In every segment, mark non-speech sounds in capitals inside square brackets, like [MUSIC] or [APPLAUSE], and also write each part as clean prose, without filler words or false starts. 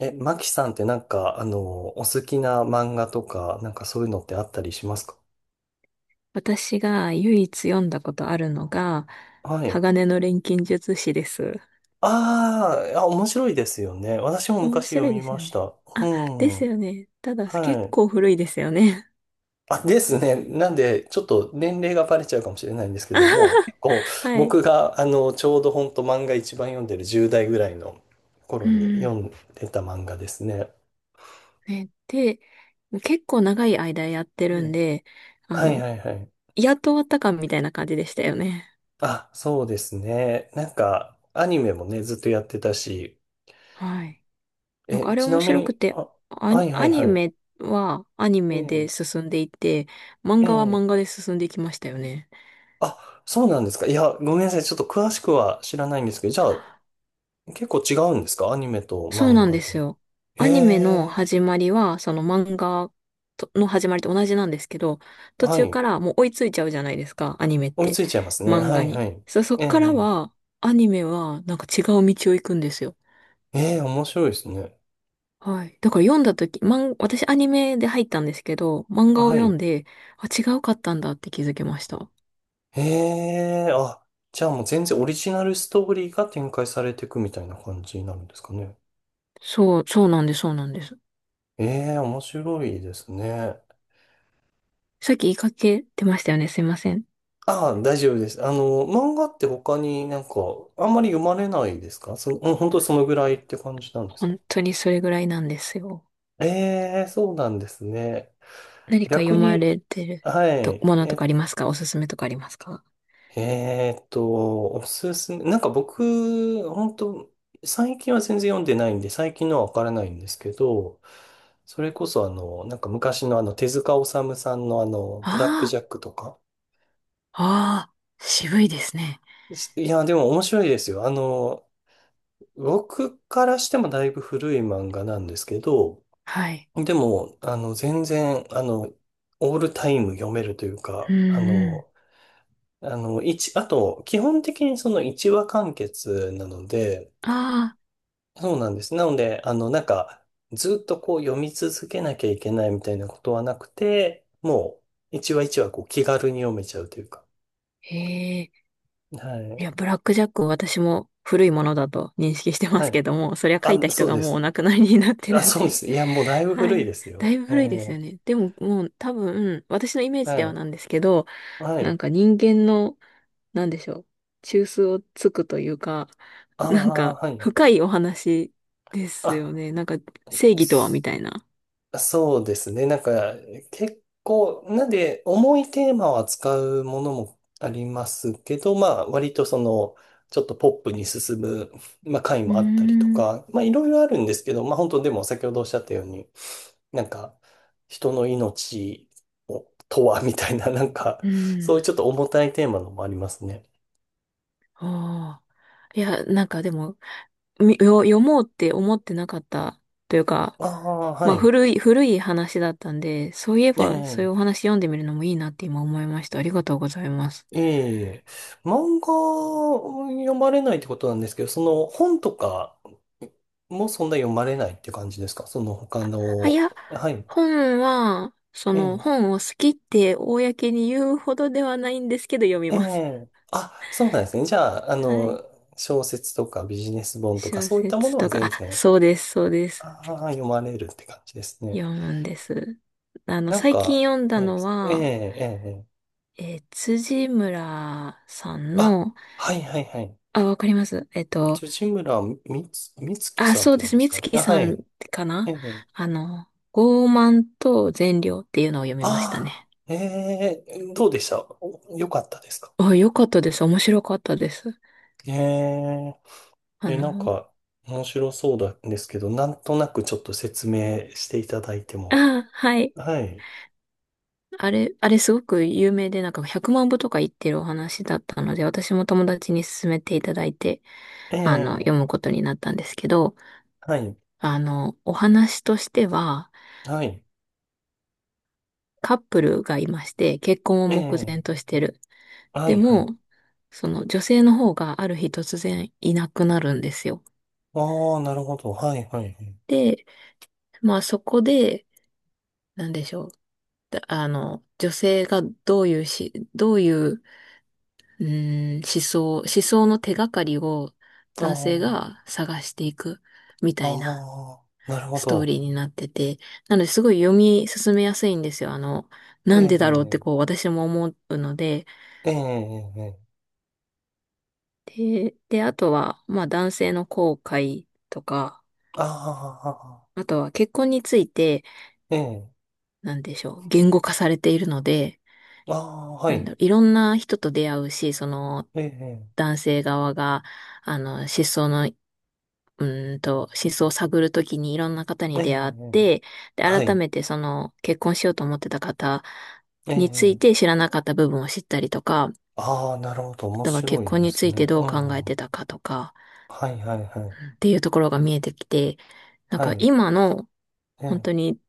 え、マキさんってお好きな漫画とか、なんかそういうのってあったりしますか？私が唯一読んだことあるのが、はい。鋼の錬金術師です。あーあ、面白いですよね。私も面昔読白いみですまよしね。た。うあ、でん。すよね。ただ、結はい。構古いですよね。あ、ですね。なんで、ちょっと年齢がバレちゃうかもしれないんです [LAUGHS] けあども、はは結構はい。僕が、ちょうど本当漫画一番読んでる10代ぐらいの頃うに読ん、んでた漫画ですね。ね。で、結構長い間やってるんねで、あはいはの、いはい。やっと終わったかみたいな感じでしたよね。あ、そうですね。なんか、アニメもね、ずっとやってたし、はい。なんかえ、あれち面なみ白くに、て、あ、はいはアいニはい。メはアニえメでえ、進んでいって、漫え画は漫え。画で進んでいきましたよね。あ、そうなんですか。いや、ごめんなさい。ちょっと詳しくは知らないんですけど、じゃあ、結構違うんですか？アニメとそう漫なん画ですで。よ。えアニメのえ、始まりは、その漫画との始まりと同じなんですけど、途は中い。からもう追いついちゃうじゃないですか、アニメっ追いつて。いちゃいますね。漫は画いはに。い。そっえからえ、は、アニメはなんか違う道を行くんですよ。ええ、面白いですね。はい。だから読んだ時、漫私アニメで入ったんですけど、漫画をは読んい。で、あ、違うかったんだって気づきました。ええ、あ、じゃあもう全然オリジナルストーリーが展開されていくみたいな感じになるんですかね。そう、そうなんです、そうなんです。ええ、面白いですね。さっき言いかけてましたよね、すいません。ああ、大丈夫です。漫画って他になんか、あんまり読まれないですか？そ、うん本当にそのぐらいって感じなんですか？本当にそれぐらいなんですよ。ええ、そうなんですね。何か逆読まに、れてるはと、い。ものとえ、かありますか？おすすめとかありますか？おすすめ。なんか僕、本当最近は全然読んでないんで、最近のはわからないんですけど、それこそ昔の手塚治虫さんのブラックあジャックとか。あ、ああ、渋いですね。しいや、でも面白いですよ。僕からしてもだいぶ古い漫画なんですけど、はい。でも、全然、オールタイム読めるといううんか、うあと、基本的にその一話完結なので、ん。ああ、そうなんです。なので、ずっとこう読み続けなきゃいけないみたいなことはなくて、も一話一話こう気軽に読めちゃうというか。へえ。はいい。や、ブラックジャックを私も古いものだと認識してまはすい。けども、そりゃ書いたあ、そ人うがでもうおす。亡くなりになってあ、るんそうでで。す。いや、もうだい [LAUGHS] ぶは古いでい。すだいよ。ぶえ古いですよえね。でももう多分、私のイメージはではい。なんですけど、はなんい。か人間の、なんでしょう、中枢をつくというか、[LAUGHS] なんああ、か、はい。深いお話ですよあ、ね。なんか、正義とはみすたいな。そうですね。なんか、結構、なんで、重いテーマを扱うものもありますけど、まあ、割とその、ちょっとポップに進む、まあ、回うーもあったりとん。か、まあ、いろいろあるんですけど、まあ、本当でも、先ほどおっしゃったように、なんか、人の命をとは、みたいな、なんか、うそういうん。ちょっと重たいテーマのもありますね。ああ。いや、なんかでも、みよ読もうって思ってなかったというか、ああ、まはあい。古い話だったんで、そういええばそういえうお話読んでみるのもいいなって今思いました。ありがとうございます。ええ、漫画を読まれないってことなんですけど、その本とかもそんな読まれないって感じですか？その他あ、いの、や、はい。本は、そえのえ、本を好きって公に言うほどではないんですけど読みえます。え、あ、そうなんですね。じゃあ、はい。小説とかビジネス本とか小そういったも説のはとか、全あ、然、そうです、そうです。ああ、読まれるって感じですね。読むんです。なん最近か、読んだないでのす。ええ、は、ええ、ええ辻村さんあ、の、はいはいはい。あ、わかります。辻村みつきあ、さんっそてう言でうんす。です美かね。あ、月はさい。んかえな。えあの、傲慢と善良っていうのを読みましたああ、ね。ええ、どうでした？およかったですか？あ、よかったです。面白かったです。ええ、あえ、なんの、か、面白そうなんですけど、なんとなくちょっと説明していただいても。はい。はい。あれ、あれすごく有名で、なんか100万部とか言ってるお話だったので、私も友達に勧めていただいて、え読むえ、ことになったんですけど、はい、お話としては、はい、カップルがいまして、結婚をえ目え、前としてる。はでい、はい。も、その女性の方がある日突然いなくなるんですよ。ああ、なるほど。はい、はい、はい。で、まあそこで、なんでしょう、だあの、女性がどういう、思想の手がかりをあ男性あ、が探していくみたいなああ、なるほストーど。リーになってて、なのですごい読み進めやすいんですよ。えなんでだろうってえ、こう私も思うので、ええ、ええ、で、あとは、まあ男性の後悔とか、ああ、あとは結婚について、ええ、なんでしょう、言語化されているので、ああ、はなんだい。ろう、いろんな人と出会うし、その、ええ、男性側が、失踪の、失踪を探るときにいろんな方えに出会っえ、て、で、は改い。めてその、結婚しようと思ってた方えについてえ知らなかった部分を知ったりとか、ああ、なるほど。あ面とは白結い婚でにつすいてね。どうう考えん。てたかとか、はいはいはい。っていうところが見えてきて、なんはかい。今の本当えに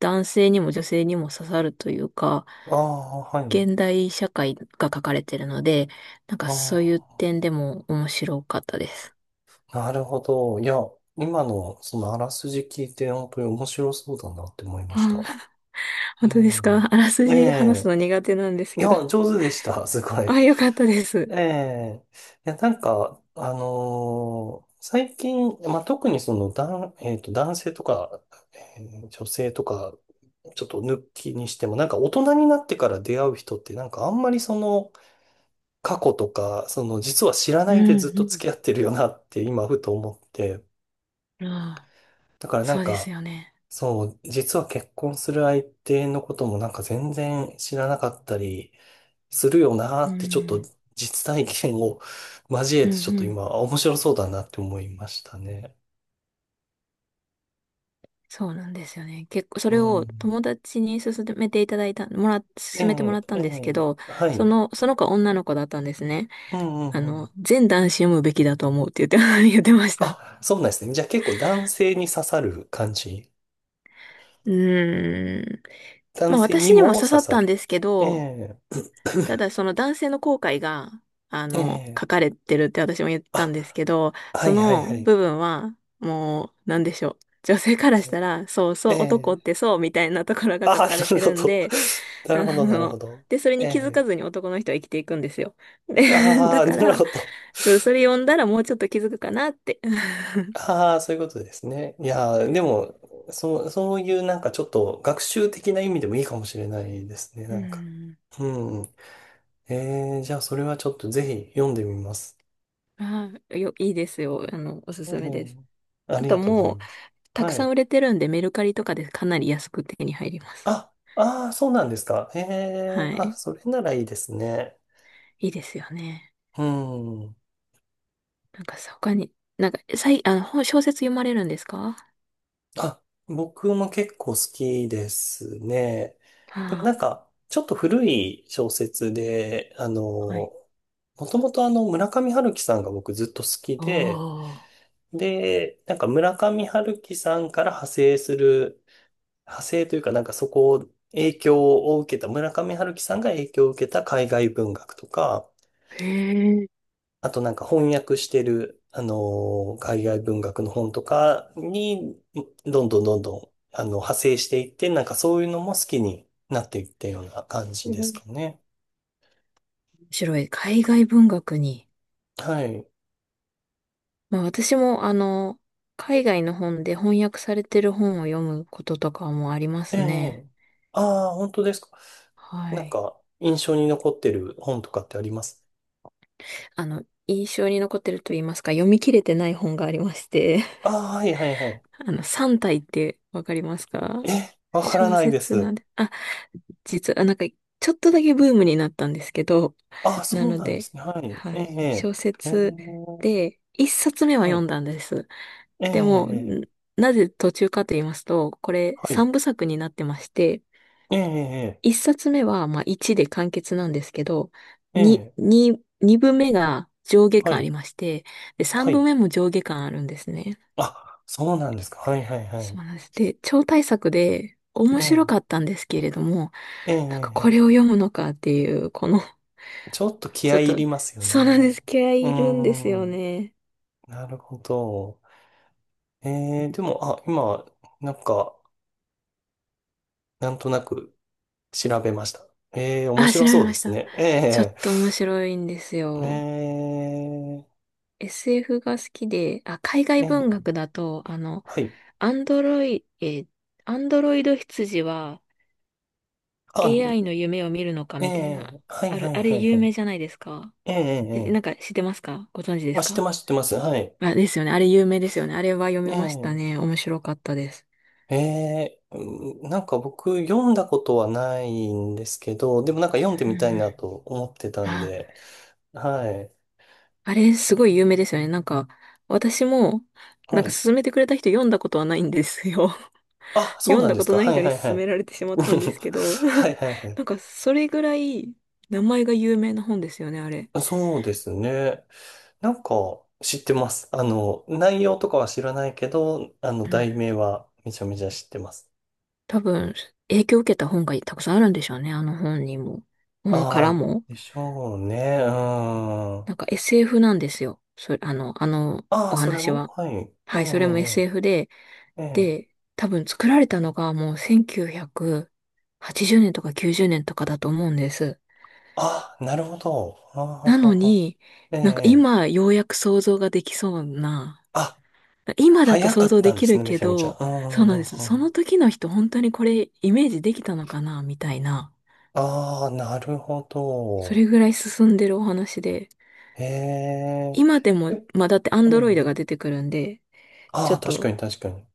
男性にも女性にも刺さるというか、ああ、はい。現代社会が書かれてるので、なんかあそういう点でも面白かったです。あ、なるほど。いや、今のそのあらすじ聞いて、本当に面白そうだなって思いまうした。ん。本う当ですか？ [LAUGHS] ん。あらすえじ話すえ。の苦手なんですいけど。や、上手でした。すご [LAUGHS] い。あ、よかったです。ええ、いや、なんか、最近、まあ、特にその、男性とか、えー女性とか、ちょっと抜きにしても、なんか大人になってから出会う人って、なんかあんまりその、過去とか、その、実は知らうないでずっとん付き合ってるよなって今、ふと思って、うん。ああ、だからなそんうですか、よね。そう、実は結婚する相手のこともなんか全然知らなかったり、するよなーうってちょっとん。実体験を交えうんうてちょっとん、今面白そうだなって思いましたね。そうなんですよね。結構、そうれをん。友達に勧めていただいた、もら、え勧めてもえ、らったえんですけえ、ど、はい。その子は女の子だったんですね。うんうあんうん。の、全男子読むべきだと思うって言って、[LAUGHS] 言ってました。あ、そうなんですね。じゃあ結構男性に刺さる感じ。うーん。男まあ性に私にもも刺刺さっさたんる。ですけえど、え、ただその男性の後悔が、ええ。書かれてるって私も言ったんですあ、けど、はそいはいはのい。部分は、もう、なんでしょう、女性からしたら、そうえそう、男ってえ。そう、みたいなところがあ書あ、かれなるてほるんど。で、[LAUGHS] なあるほど、なるほの、ど。で、それえに気づかえ。ずに男の人は生きていくんですよ。で、[LAUGHS] あだあ、かなるら、ほど。そう、それ読んだらもうちょっと気づくかなって。[LAUGHS] ああ、そういうことですね。いやー、でも、そう、そういうなんかちょっと学習的な意味でもいいかもしれないですね、うなんか。ん。うん。えー、じゃあそれはちょっとぜひ読んでみます。[LAUGHS] あいいですよ。あの、おすえすめです。ー、あありとがとうございもう、ます。たくはさんい。売れてるんで、メルカリとかでかなり安く手に入ります。あ、ああ、そうなんですか。えはー、あ、い。それならいいですね。いいですよね。うん。なんかさ、他に、あの、本小説読まれるんですか？あ、僕も結構好きですね。でもあなんか、ちょっと古い小説で、あ、はい。もともと村上春樹さんが僕ずっと好きで、おー。で、なんか村上春樹さんから派生する、派生というかなんかそこを影響を受けた、村上春樹さんが影響を受けた海外文学とか、へえ。あとなんか翻訳してる、あのー海外文学の本とかに、どんどんどんどん、派生していって、なんかそういうのも好きになっていったような感じですか面ね。白い。海外文学に。はい。まあ私もあの、海外の本で翻訳されてる本を読むこととかもありまえすえ。ね。ああ、本当ですか。はなんい。か、印象に残ってる本とかってあります？あの、印象に残ってると言いますか、読み切れてない本がありまして、ああ、はいはいはい。[LAUGHS] あの、三体ってわかりますえ、か？わから小ないで説なす。んで、あ、実はなんか、ちょっとだけブームになったんですけど、ああ、なそうのなんでで、すね。はい。はええ、い。小ええ、ええ説で、一冊目はは読んい。だんです。えでも、え、えんえなぜ途中かと言いますと、これはい。三部作になってまして、ええ、一冊目は、まあ、1で完結なんですけど、え2、え、ええに2部目が上下は巻あい。りまして、で、は3部い。目も上下巻あるんですね。あ、そうなんですか。はいはいはい。そうなんです。で、超大作で面え白え、かったんですけれども、ええ、なんかこえれを読むのかっていう、この [LAUGHS] え。ちょっと気ちょ合っい入と、りますよそうなんでね。す。気合ういーいるんですよん、ね。なるほど。ええ、でも、あ、今、なんか、なんとなく調べました。ええ、面あ、調白べそうまでしすた。ね。えちょっえ、と面白いんですえよ。え、SF が好きで、あ、海外え文学え、だと、はい。アンドロイ、えーアンドロイド羊は あ、AI の夢を見るのかえみたいな、え、はいはいあれはいは有名い。じゃないですか。ええ、えええ、なえんか知ってますか？ご存知でーすあ、知ってか？ます、知ってます。はい。あ、ですよね。あれ有名ですよね。あれは読えみましたーね。面白かったです。ええ、うんなんか僕読んだことはないんですけど、でもなんか読んでうみたいん。なと思ってたんあ、で、はい。あれすごい有名ですよね。なんか、私も、はなんかい。勧めてくれた人読んだことはないんですよ。[LAUGHS] あ、そう読んなんだでこすとか。ないはい人はにいは勧めい。られてしま [LAUGHS] ったんですけど、はいはいは [LAUGHS] い。なんかそれぐらい名前が有名な本ですよね、あれ。そうですね。なんか知ってます。内容とかは知らないけど、題名はめちゃめちゃ知ってます。多分、影響を受けた本がたくさんあるんでしょうね。あの本にも。本かあらあ、も。でしょうね。うん。なんか SF なんですよ。それ、あのあおあ、それ話もは。はい。えええはい、それも SF で。えええ。で、多分作られたのがもう1980年とか90年とかだと思うんです。ああ、なるほど。なのあに、あえなんかえ。今ようやく想像ができそうな。あ、今だと早か想っ像でたんできするね、めけちゃめちど、ゃ。うん、うそうん、なうんでん。す。うそのん時の人本当にこれイメージできたのかなみたいな。ああ、なるほそど。れぐらい進んでるお話で。へえ。今でえも、まあだってアンえドロイドえ。が出てくるんで、ちあょっあ、確と、かに確かに。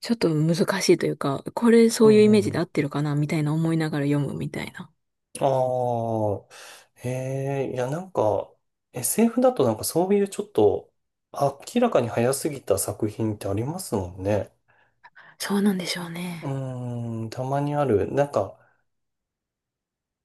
ちょっとしいというか、これうそん、ういうイうメージで合ん。ってるかなみたいな思いながら読むみたいな。ああ、へえ。いや、なんか、SF だとなんかそういうちょっと、明らかに早すぎた作品ってありますもんね。そうなんでしょううね。ーん、たまにある。なんか、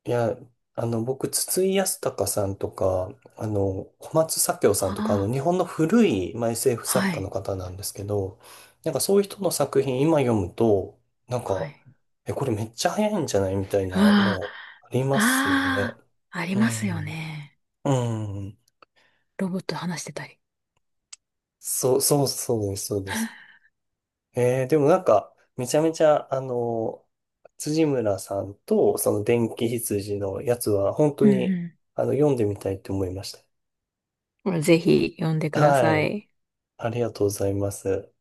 いや、僕、筒井康隆さんとか、小松左京さんとか、あ日本の古い、まあ、SF あ、作は家のい、方なんですけど、なんかそういう人の作品今読むと、なんはか、い。え、これめっちゃ早いんじゃないみたいなあのありあ、ますよね。ああ、ありうますよん。ね。うん。ロボット話してたり。そうです、そうです。えー、でもなんか、めちゃめちゃ、辻村さんと、その電気羊のやつは、本当うに、ん読んでみたいと思いました。うん。ぜひ読んでくだはさい。い。ありがとうございます。